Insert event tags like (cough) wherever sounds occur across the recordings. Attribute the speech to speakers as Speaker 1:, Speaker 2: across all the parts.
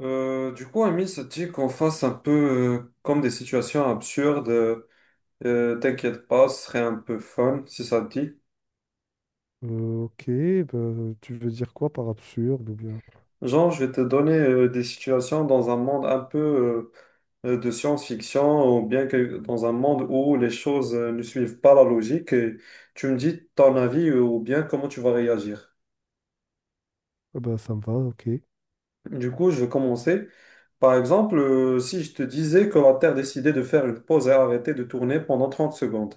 Speaker 1: Du coup, Amine se dit qu'on fasse un peu comme des situations absurdes. T'inquiète pas, ce serait un peu fun si ça te dit.
Speaker 2: Ok. Tu veux dire quoi par absurde ou bien?
Speaker 1: Genre, je vais te donner des situations dans un monde un peu de science-fiction ou bien que dans un monde où les choses ne suivent pas la logique. Et tu me dis ton avis ou bien comment tu vas réagir.
Speaker 2: Ah bah, ça me va, ok.
Speaker 1: Du coup, je vais commencer. Par exemple, si je te disais que la Terre décidait de faire une pause et arrêter de tourner pendant 30 secondes,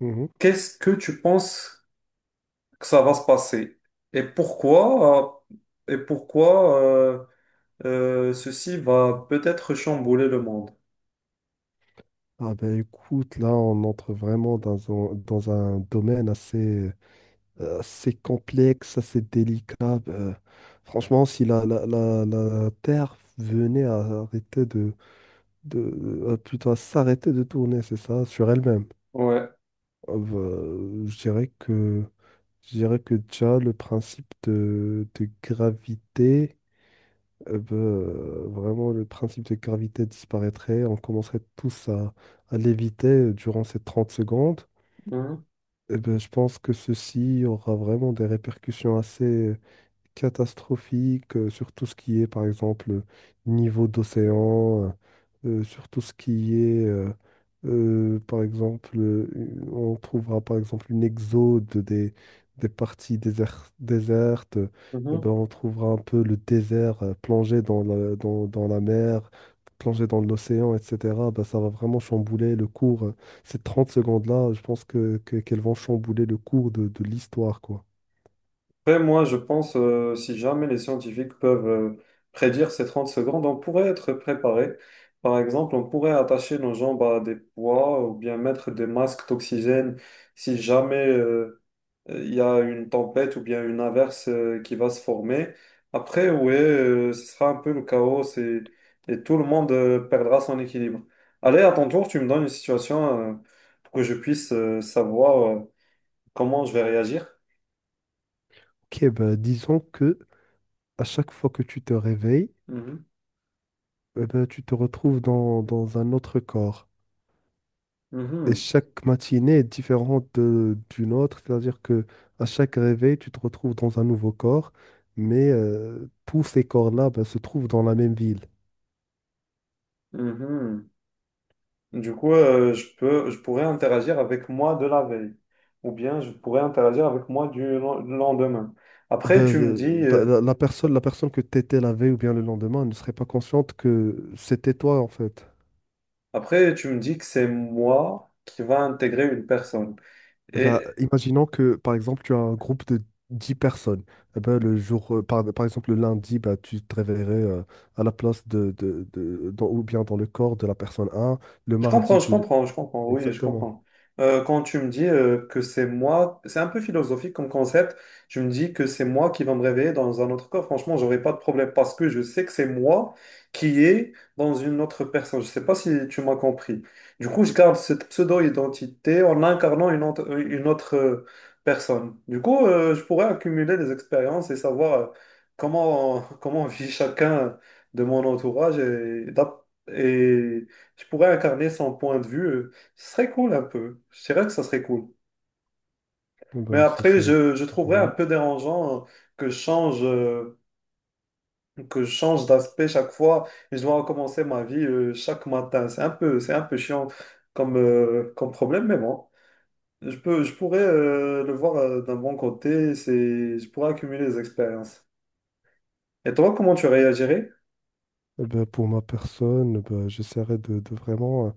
Speaker 2: Mhm.
Speaker 1: qu'est-ce que tu penses que ça va se passer. Et pourquoi, euh, et pourquoi euh, ceci va peut-être chambouler le monde.
Speaker 2: Ah ben écoute, là on entre vraiment dans un domaine assez, assez complexe, assez délicat. Bah, franchement, si la Terre venait à arrêter de à plutôt à s'arrêter de tourner, c'est ça, sur elle-même,
Speaker 1: Ouais.
Speaker 2: ah bah, je dirais que je dirais que déjà le principe de gravité. Eh ben, vraiment, le principe de gravité disparaîtrait. On commencerait tous à léviter durant ces 30 secondes.
Speaker 1: Mhm.
Speaker 2: Eh ben, je pense que ceci aura vraiment des répercussions assez, catastrophique sur tout ce qui est, par exemple, niveau d'océan, sur tout ce qui est, par exemple, on trouvera par exemple une exode des, des parties déser- désertes, ben,
Speaker 1: Mhm.
Speaker 2: on trouvera un peu le désert plongé dans dans la mer, plongé dans l'océan, etc. Ben, ça va vraiment chambouler le cours. Ces 30 secondes-là, je pense qu'elles vont chambouler le cours de l'histoire, quoi.
Speaker 1: Après, moi, je pense, si jamais les scientifiques peuvent prédire ces 30 secondes, on pourrait être préparé. Par exemple, on pourrait attacher nos jambes à des poids ou bien mettre des masques d'oxygène si jamais il y a une tempête ou bien une inverse qui va se former. Après, ouais, ce sera un peu le chaos et tout le monde perdra son équilibre. Allez, à ton tour, tu me donnes une situation pour que je puisse savoir comment je vais réagir.
Speaker 2: Ok, ben disons que à chaque fois que tu te réveilles,
Speaker 1: Mhm,
Speaker 2: eh ben, tu te retrouves dans, dans un autre corps. Et
Speaker 1: mhm,
Speaker 2: chaque matinée est différente d'une autre, c'est-à-dire que à chaque réveil, tu te retrouves dans un nouveau corps, mais tous ces corps-là ben, se trouvent dans la même ville.
Speaker 1: mhm. Du coup, je pourrais interagir avec moi de la veille ou bien je pourrais interagir avec moi du lendemain. Après,
Speaker 2: Ben, la, la personne que tu étais la veille ou bien le lendemain ne serait pas consciente que c'était toi en fait.
Speaker 1: tu me dis que c'est moi qui va intégrer une personne.
Speaker 2: Eh ben,
Speaker 1: Et
Speaker 2: imaginons que, par exemple, tu as un groupe de 10 personnes. Eh ben, le jour, par exemple, le lundi, bah, tu te réveillerais à la place ou bien dans le corps de la personne un. Le mardi, tu...
Speaker 1: je comprends, oui, je
Speaker 2: Exactement.
Speaker 1: comprends. Quand tu me dis que c'est moi, c'est un peu philosophique comme concept, tu me dis que c'est moi qui va me réveiller dans un autre corps, franchement, j'aurais pas de problème parce que je sais que c'est moi qui est dans une autre personne. Je sais pas si tu m'as compris. Du coup, je garde cette pseudo-identité en incarnant une autre personne. Du coup, je pourrais accumuler des expériences et savoir (laughs) comment vit chacun de mon entourage et je pourrais incarner son point de vue. Ce serait cool un peu. Je dirais que ça serait cool.
Speaker 2: Eh
Speaker 1: Mais
Speaker 2: ben, ça,
Speaker 1: après,
Speaker 2: c'est
Speaker 1: je trouverais un
Speaker 2: génial.
Speaker 1: peu dérangeant que je change, euh, que je change d'aspect chaque fois et je dois recommencer ma vie chaque matin. C'est un peu chiant comme, comme problème, mais bon. Je pourrais le voir d'un bon côté. C'est, je pourrais accumuler des expériences. Et toi, comment tu réagirais?
Speaker 2: Eh ben, pour ma personne, eh ben, j'essaierai de vraiment...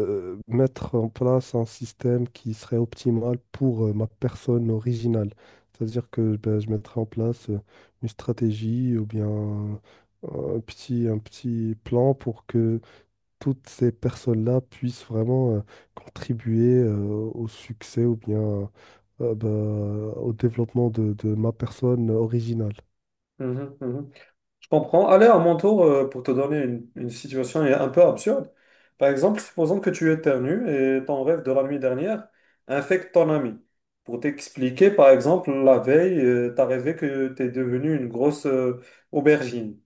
Speaker 2: Mettre en place un système qui serait optimal pour ma personne originale. C'est-à-dire que ben, je mettrais en place une stratégie ou bien un petit plan pour que toutes ces personnes-là puissent vraiment contribuer au succès ou bien euh, ben, au développement de ma personne originale.
Speaker 1: Mhm, mhm. Je comprends. Allez, à mon tour, pour te donner une situation un peu absurde. Par exemple, supposons que tu éternues et ton rêve de la nuit dernière infecte ton ami. Pour t'expliquer, par exemple, la veille, tu as rêvé que tu es devenu une grosse aubergine.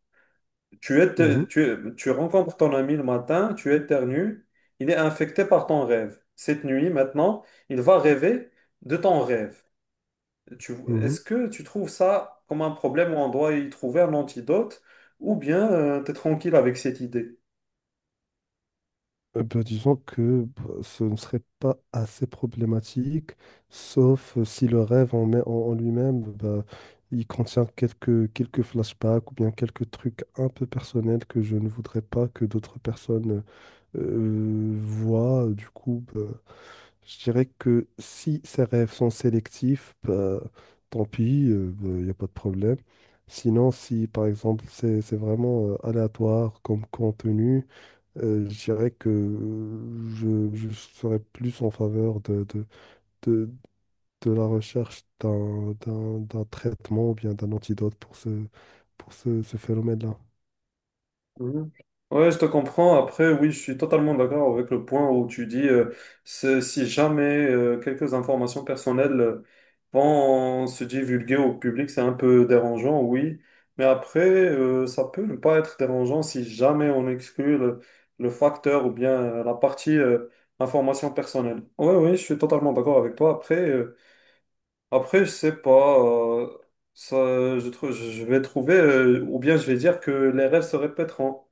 Speaker 2: Mhm,
Speaker 1: Tu rencontres ton ami le matin, tu éternues, il est infecté par ton rêve. Cette nuit, maintenant, il va rêver de ton rêve. Tu,
Speaker 2: mhm.
Speaker 1: est-ce que tu trouves ça comme un problème où on doit y trouver un antidote ou bien tu es tranquille avec cette idée?
Speaker 2: Ben, disons que bah, ce ne serait pas assez problématique, sauf si le rêve en lui-même, bah, il contient quelques, quelques flashbacks ou bien quelques trucs un peu personnels que je ne voudrais pas que d'autres personnes voient. Du coup, bah, je dirais que si ces rêves sont sélectifs, bah, tant pis, bah, il n'y a pas de problème. Sinon, si par exemple c'est vraiment aléatoire comme contenu, je dirais que je serais plus en faveur de, de la recherche d'un traitement ou bien d'un antidote pour ce, ce phénomène-là.
Speaker 1: Mhm. Ouais, je te comprends. Après, oui, je suis totalement d'accord avec le point où tu dis si jamais quelques informations personnelles vont se divulguer au public, c'est un peu dérangeant, oui. Mais après, ça peut ne pas être dérangeant si jamais on exclut le facteur ou bien la partie information personnelle. Oui, oui, je suis totalement d'accord avec toi. Après, je sais pas. Ça, je vais trouver, ou bien je vais dire que les rêves se répéteront.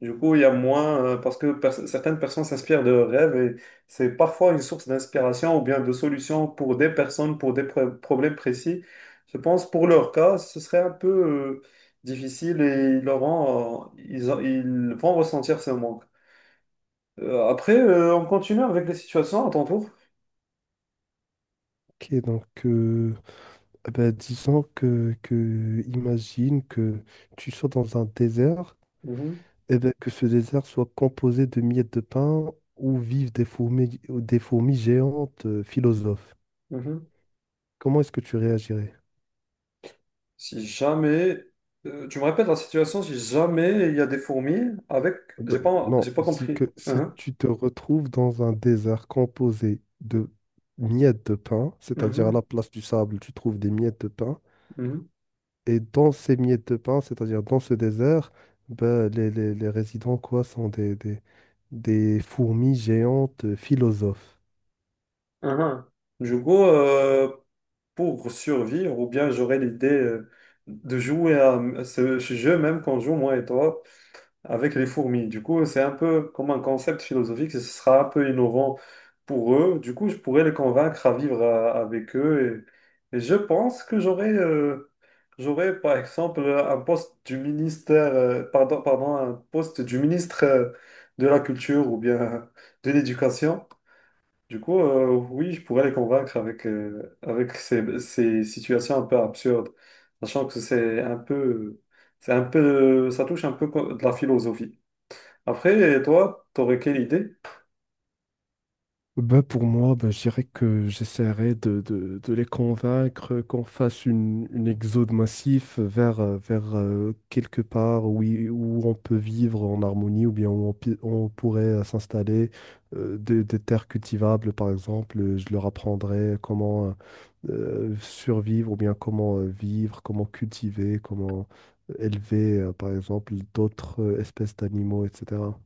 Speaker 1: Du coup, il y a moins, certaines personnes s'inspirent de leurs rêves et c'est parfois une source d'inspiration ou bien de solution pour des personnes, pour des problèmes précis. Je pense pour leur cas, ce serait un peu difficile et ils, auront, ils, ont- ils vont ressentir ce manque. On continue avec les situations à ton tour.
Speaker 2: Ok, donc eh ben, disons que imagine que tu sois dans un désert
Speaker 1: Mhm,
Speaker 2: et ben, que ce désert soit composé de miettes de pain où vivent des fourmis géantes philosophes.
Speaker 1: mhm.
Speaker 2: Comment est-ce que tu réagirais?
Speaker 1: Si jamais, tu me répètes la situation, si jamais il y a des fourmis avec,
Speaker 2: Bah, non,
Speaker 1: j'ai pas compris.
Speaker 2: si
Speaker 1: Mhm,
Speaker 2: tu te retrouves dans un désert composé de miettes de pain, c'est-à-dire à
Speaker 1: mhm,
Speaker 2: la place du sable, tu trouves des miettes de pain,
Speaker 1: mhm.
Speaker 2: et dans ces miettes de pain, c'est-à-dire dans ce désert, bah, les résidents quoi, sont des fourmis géantes philosophes.
Speaker 1: Uhum. Du coup, pour survivre, ou bien j'aurais l'idée de jouer à ce jeu même qu'on joue, moi et toi, avec les fourmis. Du coup, c'est un peu comme un concept philosophique, ce sera un peu innovant pour eux. Du coup, je pourrais les convaincre à vivre avec eux. Et je pense que j'aurais, par exemple, un poste du ministère, pardon, pardon, un poste du ministre de la Culture ou bien de l'Éducation. Du coup, oui, je pourrais les convaincre avec, avec ces, ces situations un peu absurdes, sachant que c'est un peu, ça touche un peu de la philosophie. Après, toi, t'aurais quelle idée?
Speaker 2: Ben pour moi, ben je dirais que j'essaierai de les convaincre qu'on fasse une exode massif vers, vers quelque part où, où on peut vivre en harmonie ou bien où on, on pourrait s'installer, des terres cultivables par exemple. Je leur apprendrai comment survivre ou bien comment vivre, comment cultiver, comment élever par exemple d'autres espèces d'animaux, etc.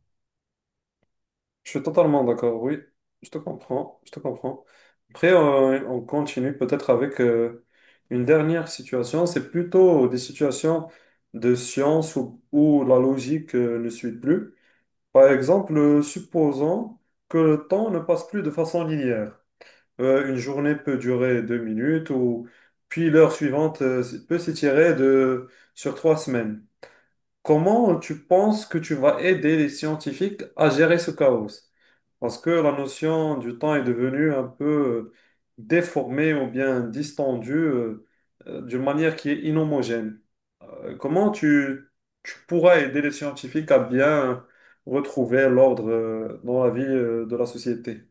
Speaker 1: Je suis totalement d'accord, oui, je te comprends, je te comprends. Après, on continue peut-être avec une dernière situation, c'est plutôt des situations de science où, où la logique ne suit plus. Par exemple, supposons que le temps ne passe plus de façon linéaire. Une journée peut durer 2 minutes, ou puis l'heure suivante peut s'étirer sur 3 semaines. Comment tu penses que tu vas aider les scientifiques à gérer ce chaos? Parce que la notion du temps est devenue un peu euh, déformée ou bien distendue d'une manière qui est inhomogène. Euh, comment tu, Tu pourras aider les scientifiques à bien retrouver l'ordre dans la vie de la société?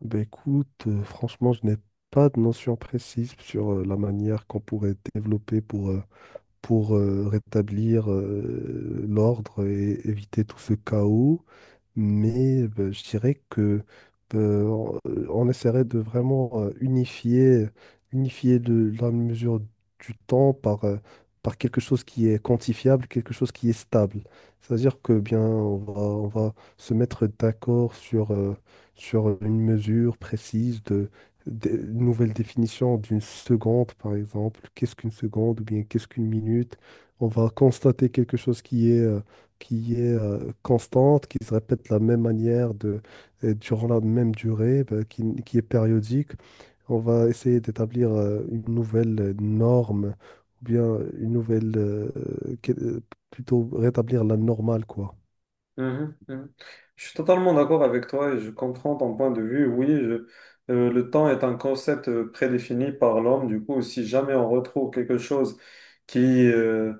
Speaker 2: Ben écoute, franchement, je n'ai pas de notion précise sur la manière qu'on pourrait développer pour, rétablir l'ordre et éviter tout ce chaos mais bah, je dirais que on on essaierait de vraiment unifier, unifier de, la mesure du temps par, par quelque chose qui est quantifiable, quelque chose qui est stable. C'est-à-dire que bien, on va se mettre d'accord sur, sur une mesure précise une nouvelle définition d'une seconde, par exemple. Qu'est-ce qu'une seconde ou bien qu'est-ce qu'une minute? On va constater quelque chose qui est constante, qui se répète de la même manière de, et durant la même durée, bah, qui est périodique. On va essayer d'établir une nouvelle norme, ou bien une nouvelle, que- euh, plutôt rétablir la normale, quoi.
Speaker 1: Mhm, mhm. Je suis totalement d'accord avec toi et je comprends ton point de vue. Le temps est un concept prédéfini par l'homme. Du coup, si jamais on retrouve quelque chose qui, euh,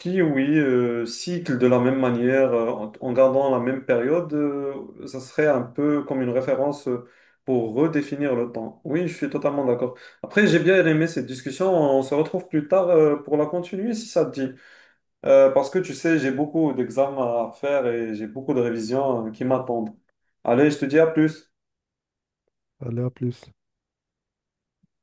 Speaker 1: qui oui, cycle de la même manière, en gardant la même période, ça serait un peu comme une référence pour redéfinir le temps. Oui, je suis totalement d'accord. Après, j'ai bien aimé cette discussion. On se retrouve plus tard, pour la continuer si ça te dit. Parce que tu sais, j'ai beaucoup d'examens à faire et j'ai beaucoup de révisions qui m'attendent. Allez, je te dis à plus.
Speaker 2: Allez, à plus.